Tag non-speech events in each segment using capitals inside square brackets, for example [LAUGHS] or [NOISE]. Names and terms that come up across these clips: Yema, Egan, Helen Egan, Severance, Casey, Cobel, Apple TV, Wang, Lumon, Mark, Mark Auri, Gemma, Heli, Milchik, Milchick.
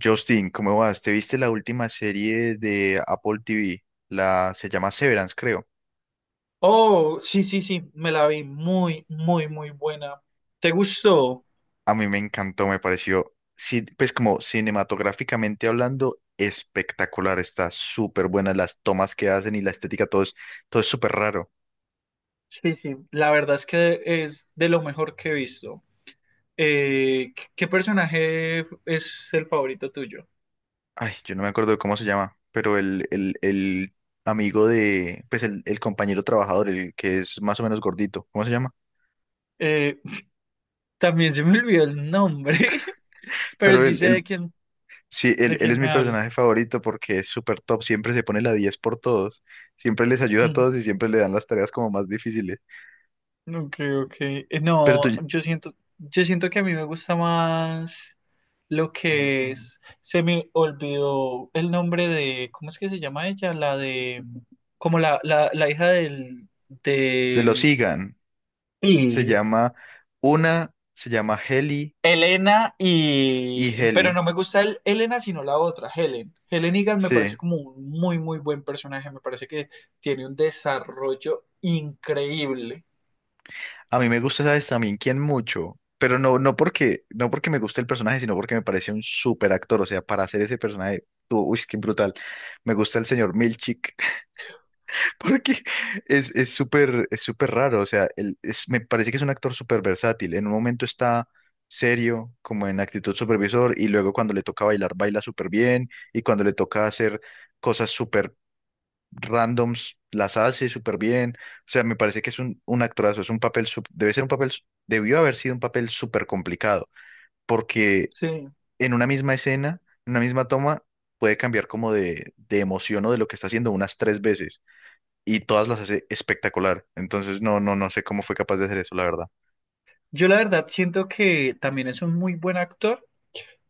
Justin, ¿cómo vas? ¿Te viste la última serie de Apple TV? La se llama Severance, creo. Oh, sí, sí, sí, me la vi muy, muy, muy buena. ¿Te gustó? A mí me encantó, me pareció, sí, pues como cinematográficamente hablando, espectacular. Está súper buena las tomas que hacen y la estética, todo es súper raro. Sí, sí. La verdad es que es de lo mejor que he visto. ¿Qué personaje es el favorito tuyo? Ay, yo no me acuerdo de cómo se llama, pero el amigo de, pues el compañero trabajador, el que es más o menos gordito, ¿cómo se llama? Eh, También se me olvidó el nombre, [LAUGHS] pero Pero sí sé sí, de él quién es mi me habla. personaje favorito porque es súper top, siempre se pone la 10 por todos, siempre les ayuda a Ujú. todos y siempre le dan las tareas como más difíciles. Ok, ok. Pero tú- No, yo siento que a mí me gusta más. Lo que es, se me olvidó el nombre de, ¿cómo es que se llama ella? La de, como la hija del, te lo de, sigan, se y llama se llama Heli Elena y y, pero Heli. no me gusta Elena sino la otra, Helen. Helen Egan me Sí, parece como un muy, muy buen personaje, me parece que tiene un desarrollo increíble. a mí me gusta, ¿sabes? También quién mucho, pero no porque, no porque me guste el personaje, sino porque me parece un súper actor, o sea, para hacer ese personaje, tú, uy, qué brutal. Me gusta el señor Milchik. Porque es súper es súper raro, o sea, él es, me parece que es un actor súper versátil. En un momento está serio, como en actitud supervisor, y luego cuando le toca bailar, baila súper bien, y cuando le toca hacer cosas súper randoms, las hace súper bien. O sea, me parece que es un actorazo, es un papel, sup- debe ser un papel, debió haber sido un papel súper complicado, porque Sí, en una misma escena, en una misma toma, puede cambiar como de emoción o de lo que está haciendo unas tres veces y todas las hace espectacular. Entonces, no sé cómo fue capaz de hacer eso, la verdad. yo la verdad siento que también es un muy buen actor,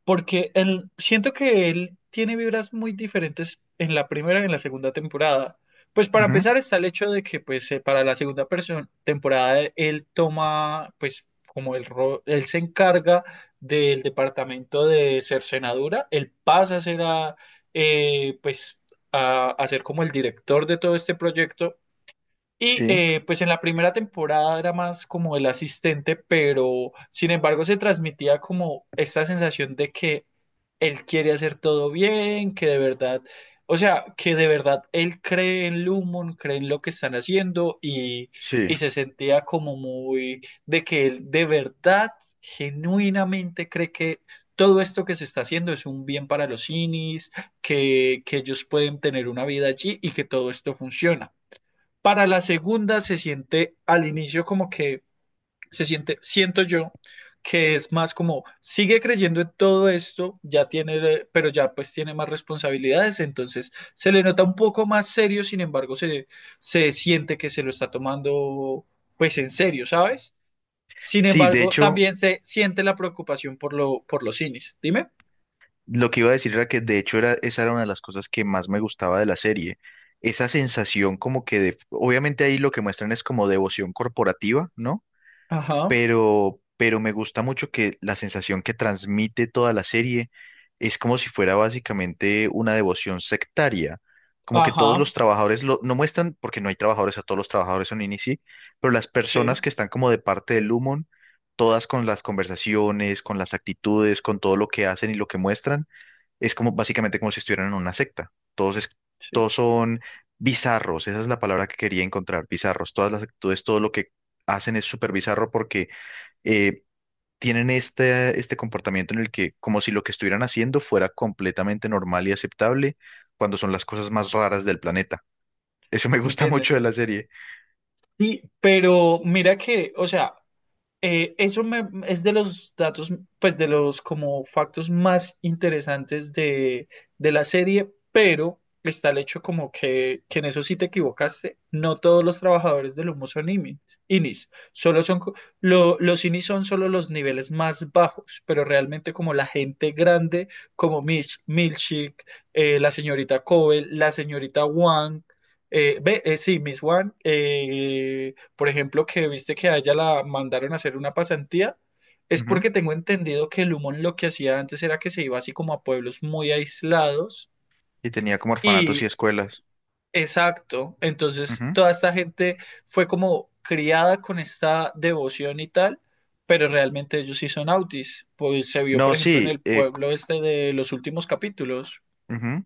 porque siento que él tiene vibras muy diferentes en la primera y en la segunda temporada. Pues para Ujú. empezar está el hecho de que pues para la segunda temporada él toma pues como él se encarga del departamento de cercenadura. Él pasa a ser eh, pues a ser como el director de todo este proyecto y Sí, pues en la primera temporada era más como el asistente, pero sin embargo se transmitía como esta sensación de que él quiere hacer todo bien, que de verdad, o sea, que de verdad él cree en Lumon, cree en lo que están haciendo, sí. y se sentía como muy de que él de verdad, genuinamente cree que todo esto que se está haciendo es un bien para los Inis, que ellos pueden tener una vida allí y que todo esto funciona. Para la segunda se siente al inicio como que se siente, siento yo, que es más como sigue creyendo en todo esto, pero ya pues tiene más responsabilidades, entonces se le nota un poco más serio, sin embargo se siente que se lo está tomando pues en serio, ¿sabes? Sin Sí, de embargo, hecho, también se siente la preocupación por los cines. Dime. lo que iba a decir era que de hecho era, esa era una de las cosas que más me gustaba de la serie. Esa sensación como que de, obviamente ahí lo que muestran es como devoción corporativa, ¿no? Ajá, Pero me gusta mucho que la sensación que transmite toda la serie es como si fuera básicamente una devoción sectaria. Como que todos ajá, los trabajadores lo, no muestran, porque no hay trabajadores, a todos los trabajadores son Inisi, pero las sí, personas que están como de parte del Lumon, todas con las conversaciones, con las actitudes, con todo lo que hacen y lo que muestran, es como básicamente como si estuvieran en una secta. Sí, Todos son bizarros, esa es la palabra que quería encontrar, bizarros. Todas las actitudes, todo lo que hacen es súper bizarro porque eh, tienen este comportamiento en el que, como si lo que estuvieran haciendo fuera completamente normal y aceptable, cuando son las cosas más raras del planeta. Eso me gusta [LAUGHS] mucho de la entienden. serie. Sí, pero mira que, o sea, eso me, es de los datos, pues de los como factos más interesantes de, la serie, pero está el hecho como que, en eso sí te equivocaste. No todos los trabajadores del humo son IMI INIs, solo son, los INIs son solo los niveles más bajos, pero realmente como la gente grande, como Milchick, la señorita Cobel, la señorita Wang, ve, sí, Miss Wang, por ejemplo, que viste que a ella la mandaron a hacer una pasantía, es Ujú. porque tengo entendido que Lumon lo que hacía antes era que se iba así como a pueblos muy aislados Y tenía como orfanatos y y escuelas. exacto, entonces Ujú. toda esta gente fue como criada con esta devoción y tal, pero realmente ellos sí son autis, pues se vio No, por ejemplo en sí. el pueblo este de los últimos capítulos. Ujú.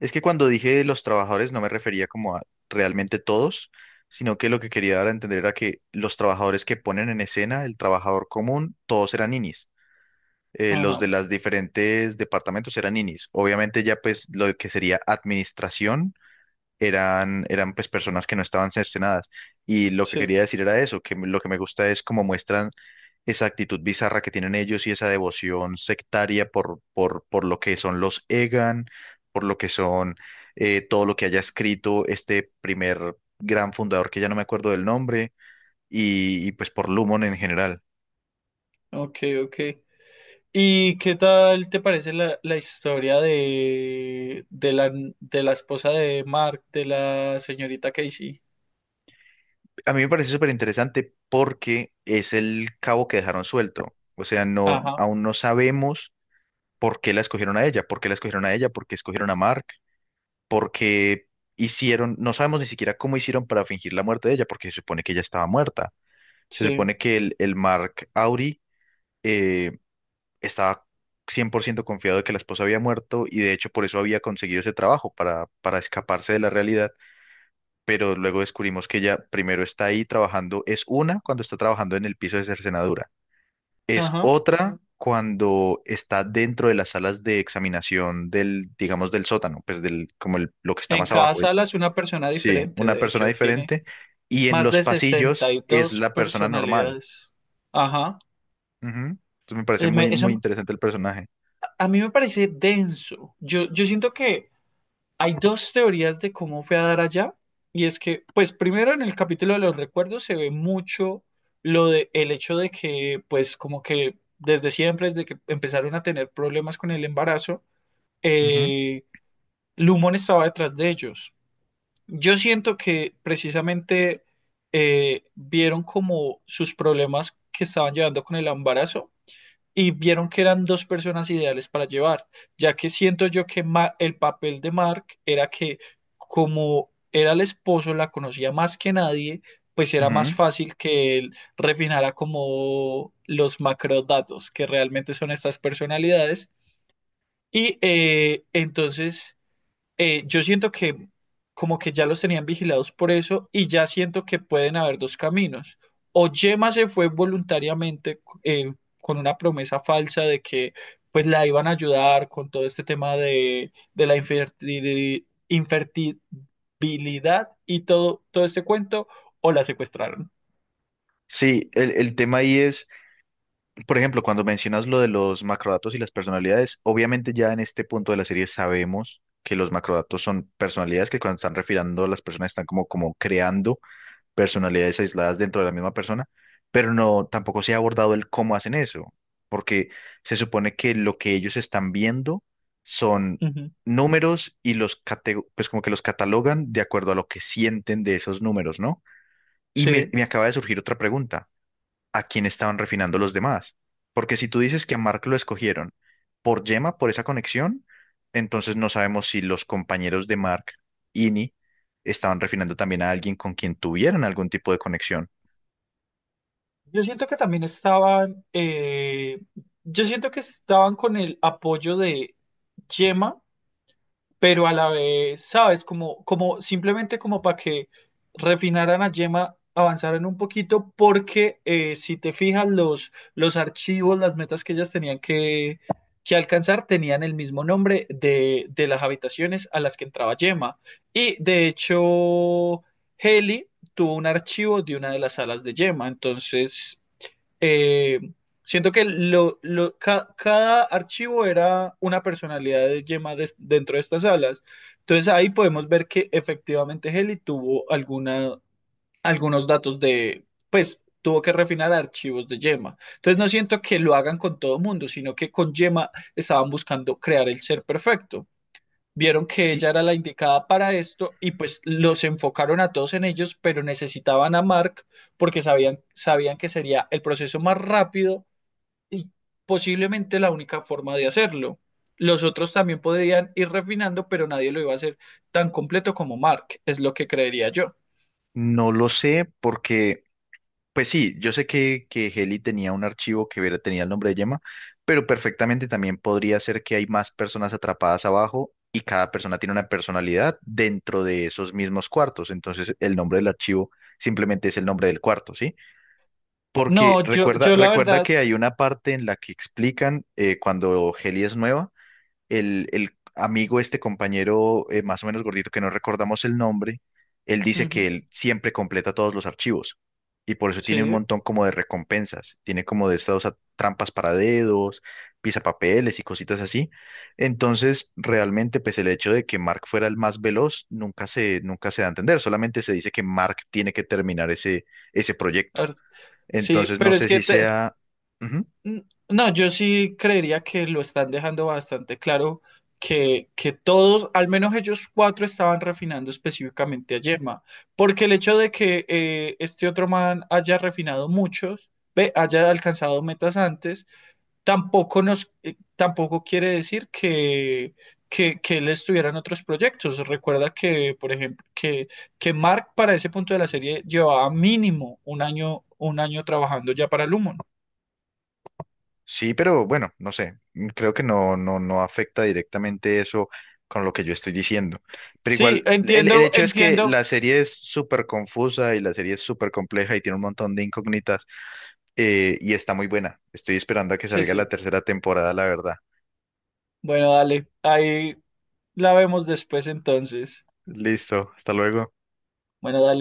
Es que cuando dije los trabajadores no me refería como a realmente todos, sino que lo que quería dar a entender era que los trabajadores que ponen en escena, el trabajador común, todos eran ninis. Los Ajá, de las diferentes departamentos eran ninis. Obviamente ya pues lo que sería administración eran pues personas que no estaban cercenadas. Y lo que sí, quería decir era eso, que lo que me gusta es cómo muestran esa actitud bizarra que tienen ellos y esa devoción sectaria por lo que son los Egan, por lo que son todo lo que haya escrito este primer gran fundador que ya no me acuerdo del nombre y pues por Lumon en general. ok, ok. ¿Y qué tal te parece la historia de, de la esposa de Mark, de la señorita Casey? A mí me parece súper interesante porque es el cabo que dejaron suelto. O sea, no, Ajá, aún no sabemos por qué la escogieron a ella, por qué la escogieron a ella, por qué escogieron a Mark, por qué hicieron, no sabemos ni siquiera cómo hicieron para fingir la muerte de ella, porque se supone que ella estaba muerta. Se sí, supone que el Mark Auri eh, estaba 100% confiado de que la esposa había muerto y de hecho por eso había conseguido ese trabajo, para escaparse de la realidad, pero luego descubrimos que ella primero está ahí trabajando, es una cuando está trabajando en el piso de cercenadura, es ajá. otra cuando está dentro de las salas de examinación del, digamos, del sótano, pues del, como el- lo que está En más cada abajo es, sala es una persona sí, diferente, una de persona hecho, tiene diferente, y en más los de pasillos sesenta y es dos la persona normal. personalidades. Ajá. Ujú. Entonces me parece muy, muy Eso interesante el personaje. a mí me parece denso. Yo siento que hay dos teorías de cómo fue a dar allá, y es que, pues primero en el capítulo de los recuerdos se ve mucho lo de el hecho de que, pues como que desde siempre, desde que empezaron a tener problemas con el embarazo, Ujú, eh, Lumon estaba detrás de ellos. Yo siento que precisamente vieron como sus problemas que estaban llevando con el embarazo y vieron que eran dos personas ideales para llevar, ya que siento yo que el papel de Mark era que como era el esposo, la conocía más que nadie, pues era más ujú. fácil que él refinara como los macrodatos, que realmente son estas personalidades. Y entonces yo siento que como que ya los tenían vigilados por eso y ya siento que pueden haber dos caminos. O Yema se fue voluntariamente, con una promesa falsa de que pues la iban a ayudar con todo este tema de, infertilidad y todo, todo este cuento, o la secuestraron. Sí, el tema ahí es. Por ejemplo, cuando mencionas lo de los macrodatos y las personalidades, obviamente ya en este punto de la serie sabemos que los macrodatos son personalidades que cuando están refiriendo a las personas están como, como creando personalidades aisladas dentro de la misma persona, pero no, tampoco se ha abordado el cómo hacen eso, porque se supone que lo que ellos están viendo son Ujú. números y pues como que los catalogan de acuerdo a lo que sienten de esos números, ¿no? Sí. Me acaba de surgir otra pregunta: a quién estaban refinando los demás. Porque si tú dices que a Mark lo escogieron por Gemma, por esa conexión, entonces no sabemos si los compañeros de Mark, Ini, estaban refinando también a alguien con quien tuvieran algún tipo de conexión. Yo siento que también estaban, eh, yo siento que estaban con el apoyo de Yema, pero a la vez, ¿sabes? Como simplemente como para que refinaran a Gemma, avanzaran un poquito, porque si te fijas, los archivos, las metas que ellas tenían que, alcanzar tenían el mismo nombre de, las habitaciones a las que entraba Gemma. Y de hecho, Heli tuvo un archivo de una de las salas de Gemma, entonces eh, siento que cada archivo era una personalidad de Gemma dentro de estas salas. Entonces ahí podemos ver que efectivamente Heli tuvo algunos datos pues tuvo que refinar archivos de Gemma. Entonces no siento que lo hagan con todo mundo, sino que con Gemma estaban buscando crear el ser perfecto. Vieron que Sí, ella era la indicada para esto y pues los enfocaron a todos en ellos, pero necesitaban a Mark porque sabían que sería el proceso más rápido y posiblemente la única forma de hacerlo. Los otros también podían ir refinando, pero nadie lo iba a hacer tan completo como Mark, es lo que creería yo. no lo sé porque pues sí, yo sé que Heli tenía un archivo tenía el nombre de Gemma, pero perfectamente también podría ser que hay más personas atrapadas abajo y cada persona tiene una personalidad dentro de esos mismos cuartos. Entonces el nombre del archivo simplemente es el nombre del cuarto, ¿sí? Porque No, yo la recuerda verdad, que hay una parte en la que explican, cuando Heli es nueva, el amigo, este compañero, más o menos gordito que no recordamos el nombre, él dice que ujú. él siempre completa todos los archivos y por eso tiene un Sí, montón como de recompensas, tiene como de estas trampas para dedos, pisapapeles y cositas así. Entonces, realmente, pues el hecho de que Mark fuera el más veloz nunca se da a entender, solamente se dice que Mark tiene que terminar ese proyecto. ar- sí, Entonces, no pero es sé que si sea... n- no, yo sí creería que lo están dejando bastante claro que, todos, al menos ellos cuatro, estaban refinando específicamente a Yema, porque el hecho de que este otro man haya refinado muchos, ve, haya alcanzado metas antes, tampoco quiere decir que, él estuviera en otros proyectos. Recuerda que, por ejemplo, que Mark para ese punto de la serie llevaba mínimo un año trabajando ya para Lumon. Sí, pero bueno, no sé, mm, creo que no, no afecta directamente eso con lo que yo estoy diciendo. Pero Sí, igual, el entiendo, hecho es que la entiendo. serie es súper confusa y la serie es súper compleja y tiene un montón de incógnitas, y está muy buena. Estoy esperando a que Sí, salga la sí. tercera temporada, la verdad. Bueno, dale. Ahí la vemos después entonces. Listo, hasta luego. Bueno, dale.